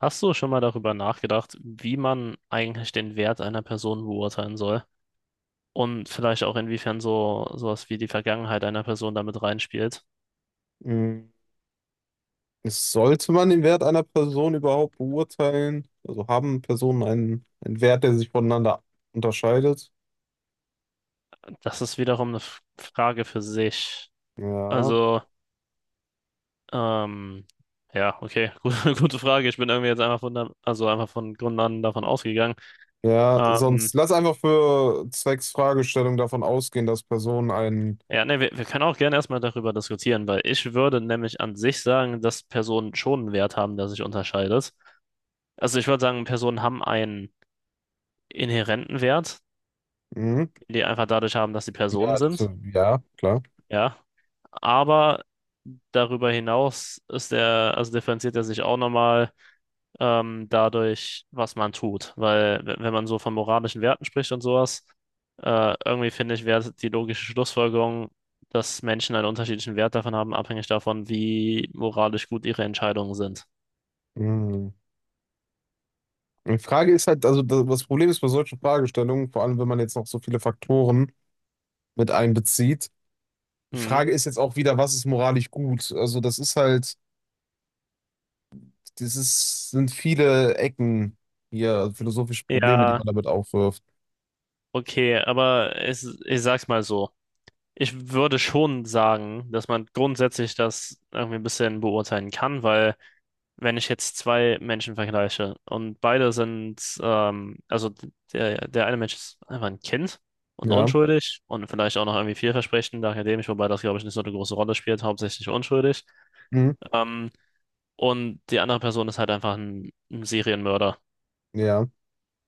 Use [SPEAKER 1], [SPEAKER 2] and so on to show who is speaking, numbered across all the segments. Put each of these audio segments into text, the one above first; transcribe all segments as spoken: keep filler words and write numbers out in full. [SPEAKER 1] Hast du schon mal darüber nachgedacht, wie man eigentlich den Wert einer Person beurteilen soll? Und vielleicht auch inwiefern so sowas wie die Vergangenheit einer Person damit reinspielt?
[SPEAKER 2] Mm, Sollte man den Wert einer Person überhaupt beurteilen? Also haben Personen einen, einen Wert, der sich voneinander unterscheidet?
[SPEAKER 1] Das ist wiederum eine F- Frage für sich.
[SPEAKER 2] Ja.
[SPEAKER 1] Also, ähm, ja, okay, gute, gute Frage. Ich bin irgendwie jetzt einfach von, der- also einfach von Grund an davon ausgegangen.
[SPEAKER 2] Ja,
[SPEAKER 1] Ähm,
[SPEAKER 2] sonst lass einfach für zwecks Fragestellung davon ausgehen, dass Personen einen.
[SPEAKER 1] ja, ne, wir, wir können auch gerne erstmal darüber diskutieren, weil ich würde nämlich an sich sagen, dass Personen schon einen Wert haben, der sich unterscheidet. Also ich würde sagen, Personen haben einen inhärenten Wert,
[SPEAKER 2] Mhm.
[SPEAKER 1] den die einfach dadurch haben, dass sie Personen
[SPEAKER 2] Ja, das,
[SPEAKER 1] sind.
[SPEAKER 2] ja, klar.
[SPEAKER 1] Ja, aber darüber hinaus ist der, also differenziert er sich auch nochmal ähm, dadurch, was man tut. Weil w- wenn man so von moralischen Werten spricht und sowas, äh, irgendwie finde ich, wäre die logische Schlussfolgerung, dass Menschen einen unterschiedlichen Wert davon haben, abhängig davon, wie moralisch gut ihre Entscheidungen sind.
[SPEAKER 2] Mhm. Die Frage ist halt, also das das Problem ist bei solchen Fragestellungen, vor allem wenn man jetzt noch so viele Faktoren mit einbezieht, die
[SPEAKER 1] Mhm.
[SPEAKER 2] Frage ist jetzt auch wieder, was ist moralisch gut? Also das ist halt. Das ist, sind viele Ecken hier, also philosophische Probleme, die
[SPEAKER 1] Ja,
[SPEAKER 2] man damit aufwirft.
[SPEAKER 1] okay, aber ich, ich sag's mal so. Ich würde schon sagen, dass man grundsätzlich das irgendwie ein bisschen beurteilen kann, weil wenn ich jetzt zwei Menschen vergleiche und beide sind, ähm, also der, der eine Mensch ist einfach ein Kind und
[SPEAKER 2] Ja.
[SPEAKER 1] unschuldig und vielleicht auch noch irgendwie vielversprechend akademisch, wobei das, glaube ich, nicht so eine große Rolle spielt, hauptsächlich unschuldig.
[SPEAKER 2] Mhm.
[SPEAKER 1] Ähm, und die andere Person ist halt einfach ein, ein Serienmörder.
[SPEAKER 2] Ja.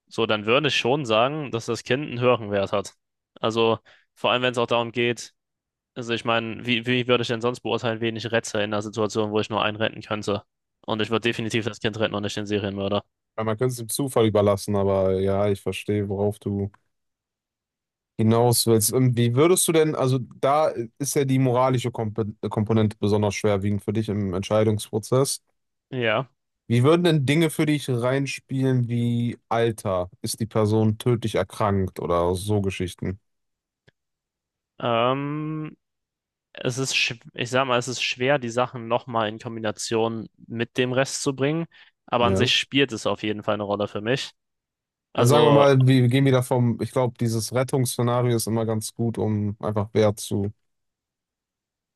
[SPEAKER 1] So, dann würde ich schon sagen, dass das Kind einen höheren Wert hat. Also vor allem, wenn es auch darum geht, also ich meine, wie, wie würde ich denn sonst beurteilen, wen ich rette in einer Situation, wo ich nur einen retten könnte? Und ich würde definitiv das Kind retten und nicht den Serienmörder.
[SPEAKER 2] Weil man könnte es dem Zufall überlassen, aber ja, ich verstehe, worauf du hinaus willst. Und wie würdest du denn, also da ist ja die moralische Komp- Komponente besonders schwerwiegend für dich im Entscheidungsprozess.
[SPEAKER 1] Ja.
[SPEAKER 2] Wie würden denn Dinge für dich reinspielen wie Alter? Ist die Person tödlich erkrankt oder so Geschichten?
[SPEAKER 1] Ähm, Es ist, schw- ich sag mal, es ist schwer, die Sachen nochmal in Kombination mit dem Rest zu bringen. Aber an
[SPEAKER 2] Ja.
[SPEAKER 1] sich spielt es auf jeden Fall eine Rolle für mich.
[SPEAKER 2] Also sagen wir
[SPEAKER 1] Also,
[SPEAKER 2] mal, wir gehen wieder vom, ich glaube, dieses Rettungsszenario ist immer ganz gut, um einfach Wert zu,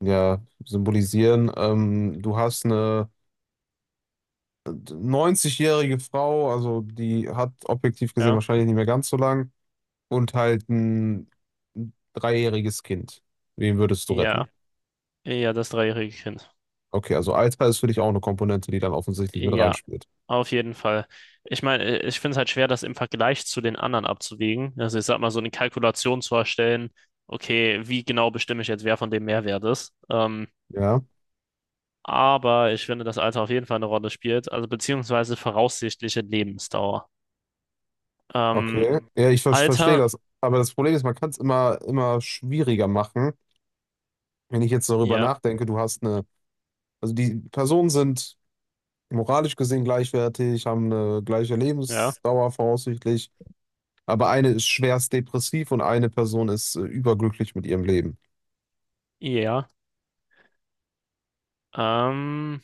[SPEAKER 2] ja, symbolisieren. Ähm, du hast eine neunzig-jährige Frau, also die hat objektiv gesehen
[SPEAKER 1] ja,
[SPEAKER 2] wahrscheinlich nicht mehr ganz so lang, und halt ein dreijähriges Kind. Wen würdest du retten?
[SPEAKER 1] ja, ja, das dreijährige Kind.
[SPEAKER 2] Okay, also Alter ist für dich auch eine Komponente, die dann offensichtlich mit
[SPEAKER 1] Ja.
[SPEAKER 2] reinspielt.
[SPEAKER 1] Auf jeden Fall. Ich meine, äh, ich finde es halt schwer, das im Vergleich zu den anderen abzuwägen. Also ich sag mal, so eine Kalkulation zu erstellen, okay, wie genau bestimme ich jetzt, wer von dem Mehrwert ist. Ähm,
[SPEAKER 2] Ja,
[SPEAKER 1] aber ich finde, das Alter auf jeden Fall eine Rolle spielt, also beziehungsweise voraussichtliche Lebensdauer. Ähm,
[SPEAKER 2] okay. Ja, ich ver verstehe
[SPEAKER 1] Alter,
[SPEAKER 2] das. Aber das Problem ist, man kann es immer, immer schwieriger machen. Wenn ich jetzt darüber
[SPEAKER 1] ja,
[SPEAKER 2] nachdenke, du hast eine Also die Personen sind moralisch gesehen gleichwertig, haben eine gleiche
[SPEAKER 1] ja,
[SPEAKER 2] Lebensdauer voraussichtlich, aber eine ist schwerst depressiv und eine Person ist äh, überglücklich mit ihrem Leben.
[SPEAKER 1] ja. Ähm,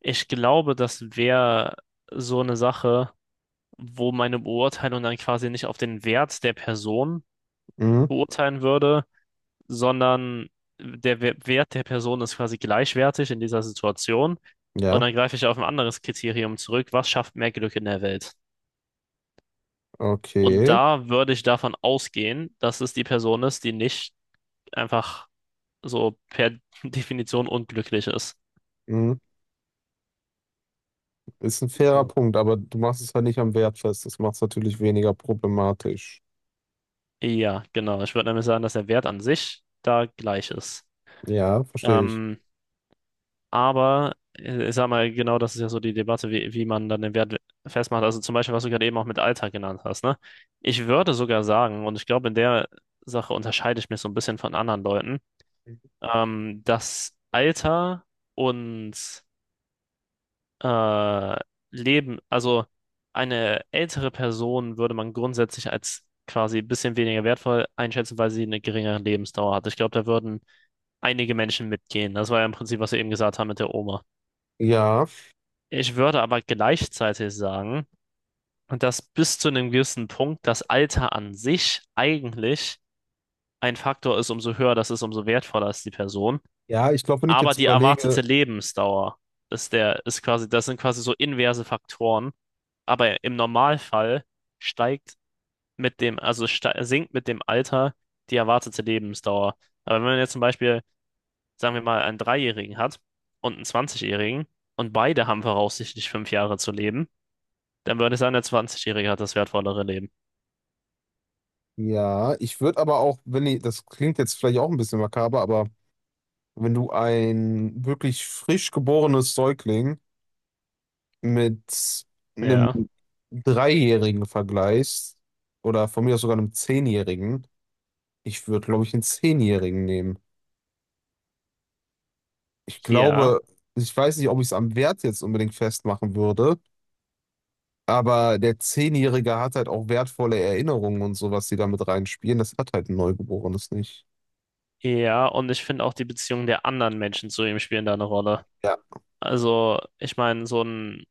[SPEAKER 1] Ich glaube, das wäre so eine Sache, wo meine Beurteilung dann quasi nicht auf den Wert der Person
[SPEAKER 2] Mhm.
[SPEAKER 1] beurteilen würde, sondern der We- Wert der Person ist quasi gleichwertig in dieser Situation. Und
[SPEAKER 2] Ja,
[SPEAKER 1] dann greife ich auf ein anderes Kriterium zurück. Was schafft mehr Glück in der Welt? Und
[SPEAKER 2] okay.
[SPEAKER 1] da würde ich davon ausgehen, dass es die Person ist, die nicht einfach so per Definition unglücklich ist.
[SPEAKER 2] Mhm. Ist ein fairer
[SPEAKER 1] So.
[SPEAKER 2] Punkt, aber du machst es halt nicht am Wert fest. Das macht es natürlich weniger problematisch.
[SPEAKER 1] Ja, genau. Ich würde nämlich sagen, dass der Wert an sich da gleich ist.
[SPEAKER 2] Ja, verstehe ich.
[SPEAKER 1] Ähm, Aber äh, ich sag mal, genau das ist ja so die Debatte, wie, wie man dann den Wert festmacht. Also zum Beispiel, was du gerade eben auch mit Alltag genannt hast, ne? Ich würde sogar sagen, und ich glaube, in der Sache unterscheide ich mich so ein bisschen von anderen Leuten, ähm, dass Alter und äh, Leben, also eine ältere Person würde man grundsätzlich als quasi ein bisschen weniger wertvoll einschätzen, weil sie eine geringere Lebensdauer hat. Ich glaube, da würden einige Menschen mitgehen. Das war ja im Prinzip, was wir eben gesagt haben mit der Oma.
[SPEAKER 2] Ja,
[SPEAKER 1] Ich würde aber gleichzeitig sagen, dass bis zu einem gewissen Punkt das Alter an sich eigentlich ein Faktor ist, umso höher das ist, umso wertvoller ist die Person.
[SPEAKER 2] ja, ich glaube, wenn ich
[SPEAKER 1] Aber
[SPEAKER 2] jetzt
[SPEAKER 1] die
[SPEAKER 2] überlege,
[SPEAKER 1] erwartete Lebensdauer ist der, ist quasi, das sind quasi so inverse Faktoren. Aber im Normalfall steigt mit dem, also ste- sinkt mit dem Alter die erwartete Lebensdauer. Aber wenn man jetzt zum Beispiel, sagen wir mal, einen Dreijährigen hat und einen zwanzig-Jährigen und beide haben voraussichtlich fünf Jahre zu leben, dann würde ich sagen, der zwanzig-Jährige hat das wertvollere Leben.
[SPEAKER 2] ja, ich würde aber auch, wenn ich, das klingt jetzt vielleicht auch ein bisschen makaber, aber wenn du ein wirklich frisch geborenes Säugling mit einem
[SPEAKER 1] Ja,
[SPEAKER 2] Dreijährigen vergleichst, oder von mir aus sogar einem Zehnjährigen, ich würde, glaube ich, einen Zehnjährigen nehmen. Ich
[SPEAKER 1] ja,
[SPEAKER 2] glaube, ich weiß nicht, ob ich es am Wert jetzt unbedingt festmachen würde, aber der Zehnjährige hat halt auch wertvolle Erinnerungen und sowas, die damit reinspielen. Das hat halt ein Neugeborenes nicht.
[SPEAKER 1] ja. Und ich finde auch die Beziehungen der anderen Menschen zu ihm spielen da eine Rolle.
[SPEAKER 2] Ja.
[SPEAKER 1] Also, ich meine, so ein,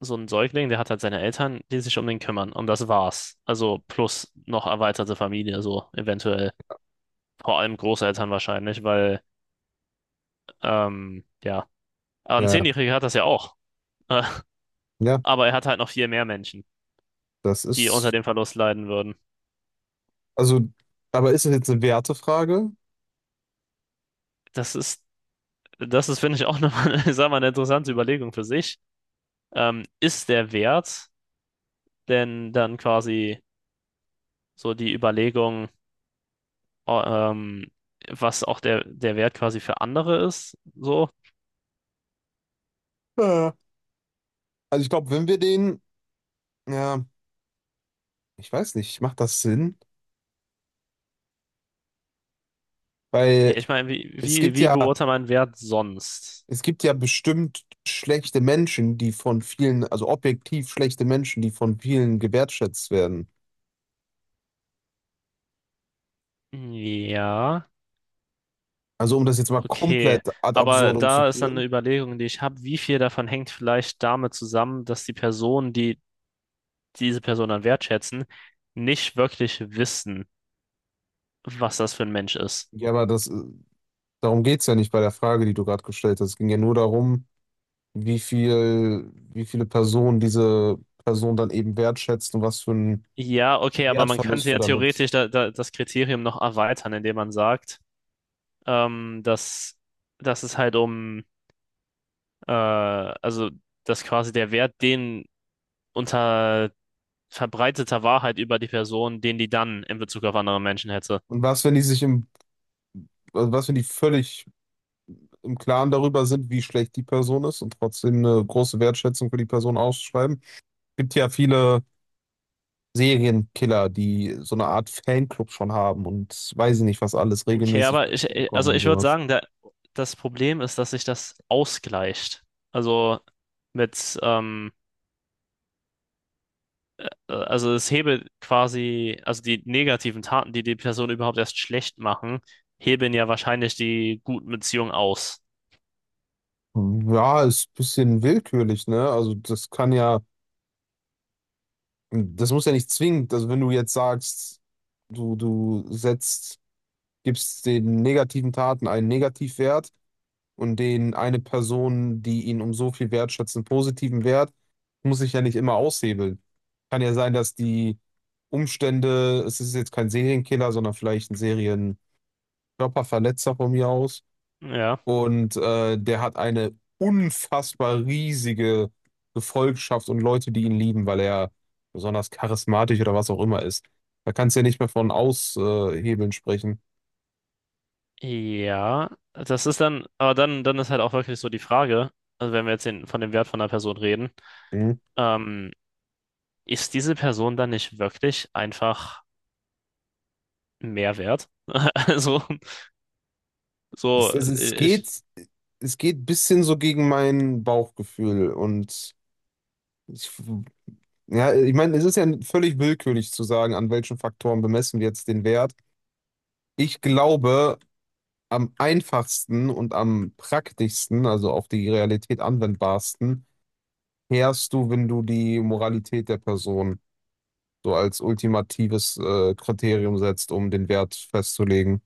[SPEAKER 1] so ein Säugling, der hat halt seine Eltern, die sich um den kümmern. Und das war's. Also, plus noch erweiterte Familie, so eventuell. Vor allem Großeltern wahrscheinlich, weil, ähm, ja. Aber ein
[SPEAKER 2] Ja,
[SPEAKER 1] Zehnjähriger hat das ja auch. Äh,
[SPEAKER 2] ja,
[SPEAKER 1] Aber er hat halt noch viel mehr Menschen,
[SPEAKER 2] das
[SPEAKER 1] die unter
[SPEAKER 2] ist,
[SPEAKER 1] dem Verlust leiden würden.
[SPEAKER 2] also, aber ist es jetzt eine Wertefrage?
[SPEAKER 1] Das ist, das ist, finde ich, auch nochmal, ich sag mal, eine interessante Überlegung für sich. Ähm, ist der Wert denn dann quasi so die Überlegung, oh, ähm, was auch der, der Wert quasi für andere ist, so?
[SPEAKER 2] Ja. Also ich glaube, wenn wir den, ja, ich weiß nicht, macht das Sinn?
[SPEAKER 1] Ja,
[SPEAKER 2] Weil
[SPEAKER 1] ich meine, wie,
[SPEAKER 2] Es
[SPEAKER 1] wie,
[SPEAKER 2] gibt
[SPEAKER 1] wie
[SPEAKER 2] ja,
[SPEAKER 1] beurteilt man Wert sonst?
[SPEAKER 2] es gibt ja bestimmt schlechte Menschen, die von vielen, also objektiv schlechte Menschen, die von vielen gewertschätzt werden.
[SPEAKER 1] Ja,
[SPEAKER 2] Also um das jetzt mal
[SPEAKER 1] okay.
[SPEAKER 2] komplett ad
[SPEAKER 1] Aber
[SPEAKER 2] absurdum zu
[SPEAKER 1] da ist dann eine
[SPEAKER 2] führen.
[SPEAKER 1] Überlegung, die ich habe, wie viel davon hängt vielleicht damit zusammen, dass die Personen, die diese Person dann wertschätzen, nicht wirklich wissen, was das für ein Mensch ist.
[SPEAKER 2] Ja, aber das, äh, darum geht es ja nicht bei der Frage, die du gerade gestellt hast. Es ging ja nur darum, wie viel, wie viele Personen diese Person dann eben wertschätzt und was für einen
[SPEAKER 1] Ja, okay, aber man
[SPEAKER 2] Wertverlust
[SPEAKER 1] könnte
[SPEAKER 2] du
[SPEAKER 1] ja
[SPEAKER 2] damit.
[SPEAKER 1] theoretisch da, da, das Kriterium noch erweitern, indem man sagt, ähm, dass, dass es halt um, äh, also dass quasi der Wert, den unter verbreiteter Wahrheit über die Person, den die dann in Bezug auf andere Menschen hätte.
[SPEAKER 2] Und was, wenn die sich im, also was, wenn die völlig im Klaren darüber sind, wie schlecht die Person ist und trotzdem eine große Wertschätzung für die Person ausschreiben. Gibt ja viele Serienkiller, die so eine Art Fanclub schon haben und weiß ich nicht, was alles
[SPEAKER 1] Okay,
[SPEAKER 2] regelmäßig
[SPEAKER 1] aber
[SPEAKER 2] Punkte
[SPEAKER 1] ich,
[SPEAKER 2] bekommen
[SPEAKER 1] also
[SPEAKER 2] und
[SPEAKER 1] ich würde
[SPEAKER 2] sowas.
[SPEAKER 1] sagen, da, das Problem ist, dass sich das ausgleicht. Also mit, ähm, äh, also es hebelt quasi, also die negativen Taten, die die Person überhaupt erst schlecht machen, hebeln ja wahrscheinlich die guten Beziehungen aus.
[SPEAKER 2] Hm, Ja, ist ein bisschen willkürlich, ne? Also das kann ja, das muss ja nicht zwingend, also wenn du jetzt sagst, du, du setzt, gibst den negativen Taten einen Negativwert, und den eine Person, die ihn um so viel wertschätzt, einen positiven Wert, muss ich ja nicht immer aushebeln. Kann ja sein, dass die Umstände, es ist jetzt kein Serienkiller, sondern vielleicht ein Serienkörperverletzer von mir aus.
[SPEAKER 1] Ja.
[SPEAKER 2] Und äh, der hat eine unfassbar riesige Gefolgschaft und Leute, die ihn lieben, weil er besonders charismatisch oder was auch immer ist. Da kannst du ja nicht mehr von Aushebeln sprechen.
[SPEAKER 1] Ja, das ist dann, aber dann, dann ist halt auch wirklich so die Frage, also wenn wir jetzt den, von dem Wert von einer Person reden,
[SPEAKER 2] Mhm.
[SPEAKER 1] ähm, ist diese Person dann nicht wirklich einfach mehr wert? Also, so,
[SPEAKER 2] Es, es, es
[SPEAKER 1] äh, ich,
[SPEAKER 2] geht, es geht ein bisschen so gegen mein Bauchgefühl und ich, ja, ich meine, es ist ja völlig willkürlich zu sagen, an welchen Faktoren bemessen wir jetzt den Wert. Ich glaube, am einfachsten und am praktischsten, also auf die Realität anwendbarsten, fährst du, wenn du die Moralität der Person so als ultimatives äh, Kriterium setzt, um den Wert festzulegen.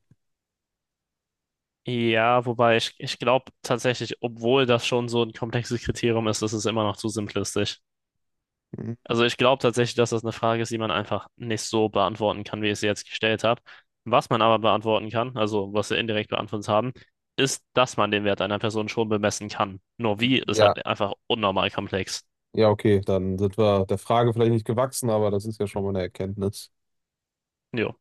[SPEAKER 1] ja, wobei ich, ich glaube tatsächlich, obwohl das schon so ein komplexes Kriterium ist, ist es immer noch zu simplistisch.
[SPEAKER 2] Mhm.
[SPEAKER 1] Also ich glaube tatsächlich, dass das eine Frage ist, die man einfach nicht so beantworten kann, wie ich sie jetzt gestellt habe. Was man aber beantworten kann, also was wir indirekt beantwortet haben, ist, dass man den Wert einer Person schon bemessen kann. Nur wie ist
[SPEAKER 2] Ja,
[SPEAKER 1] halt einfach unnormal komplex.
[SPEAKER 2] ja, okay, dann sind wir der Frage vielleicht nicht gewachsen, aber das ist ja schon mal eine Erkenntnis.
[SPEAKER 1] Jo.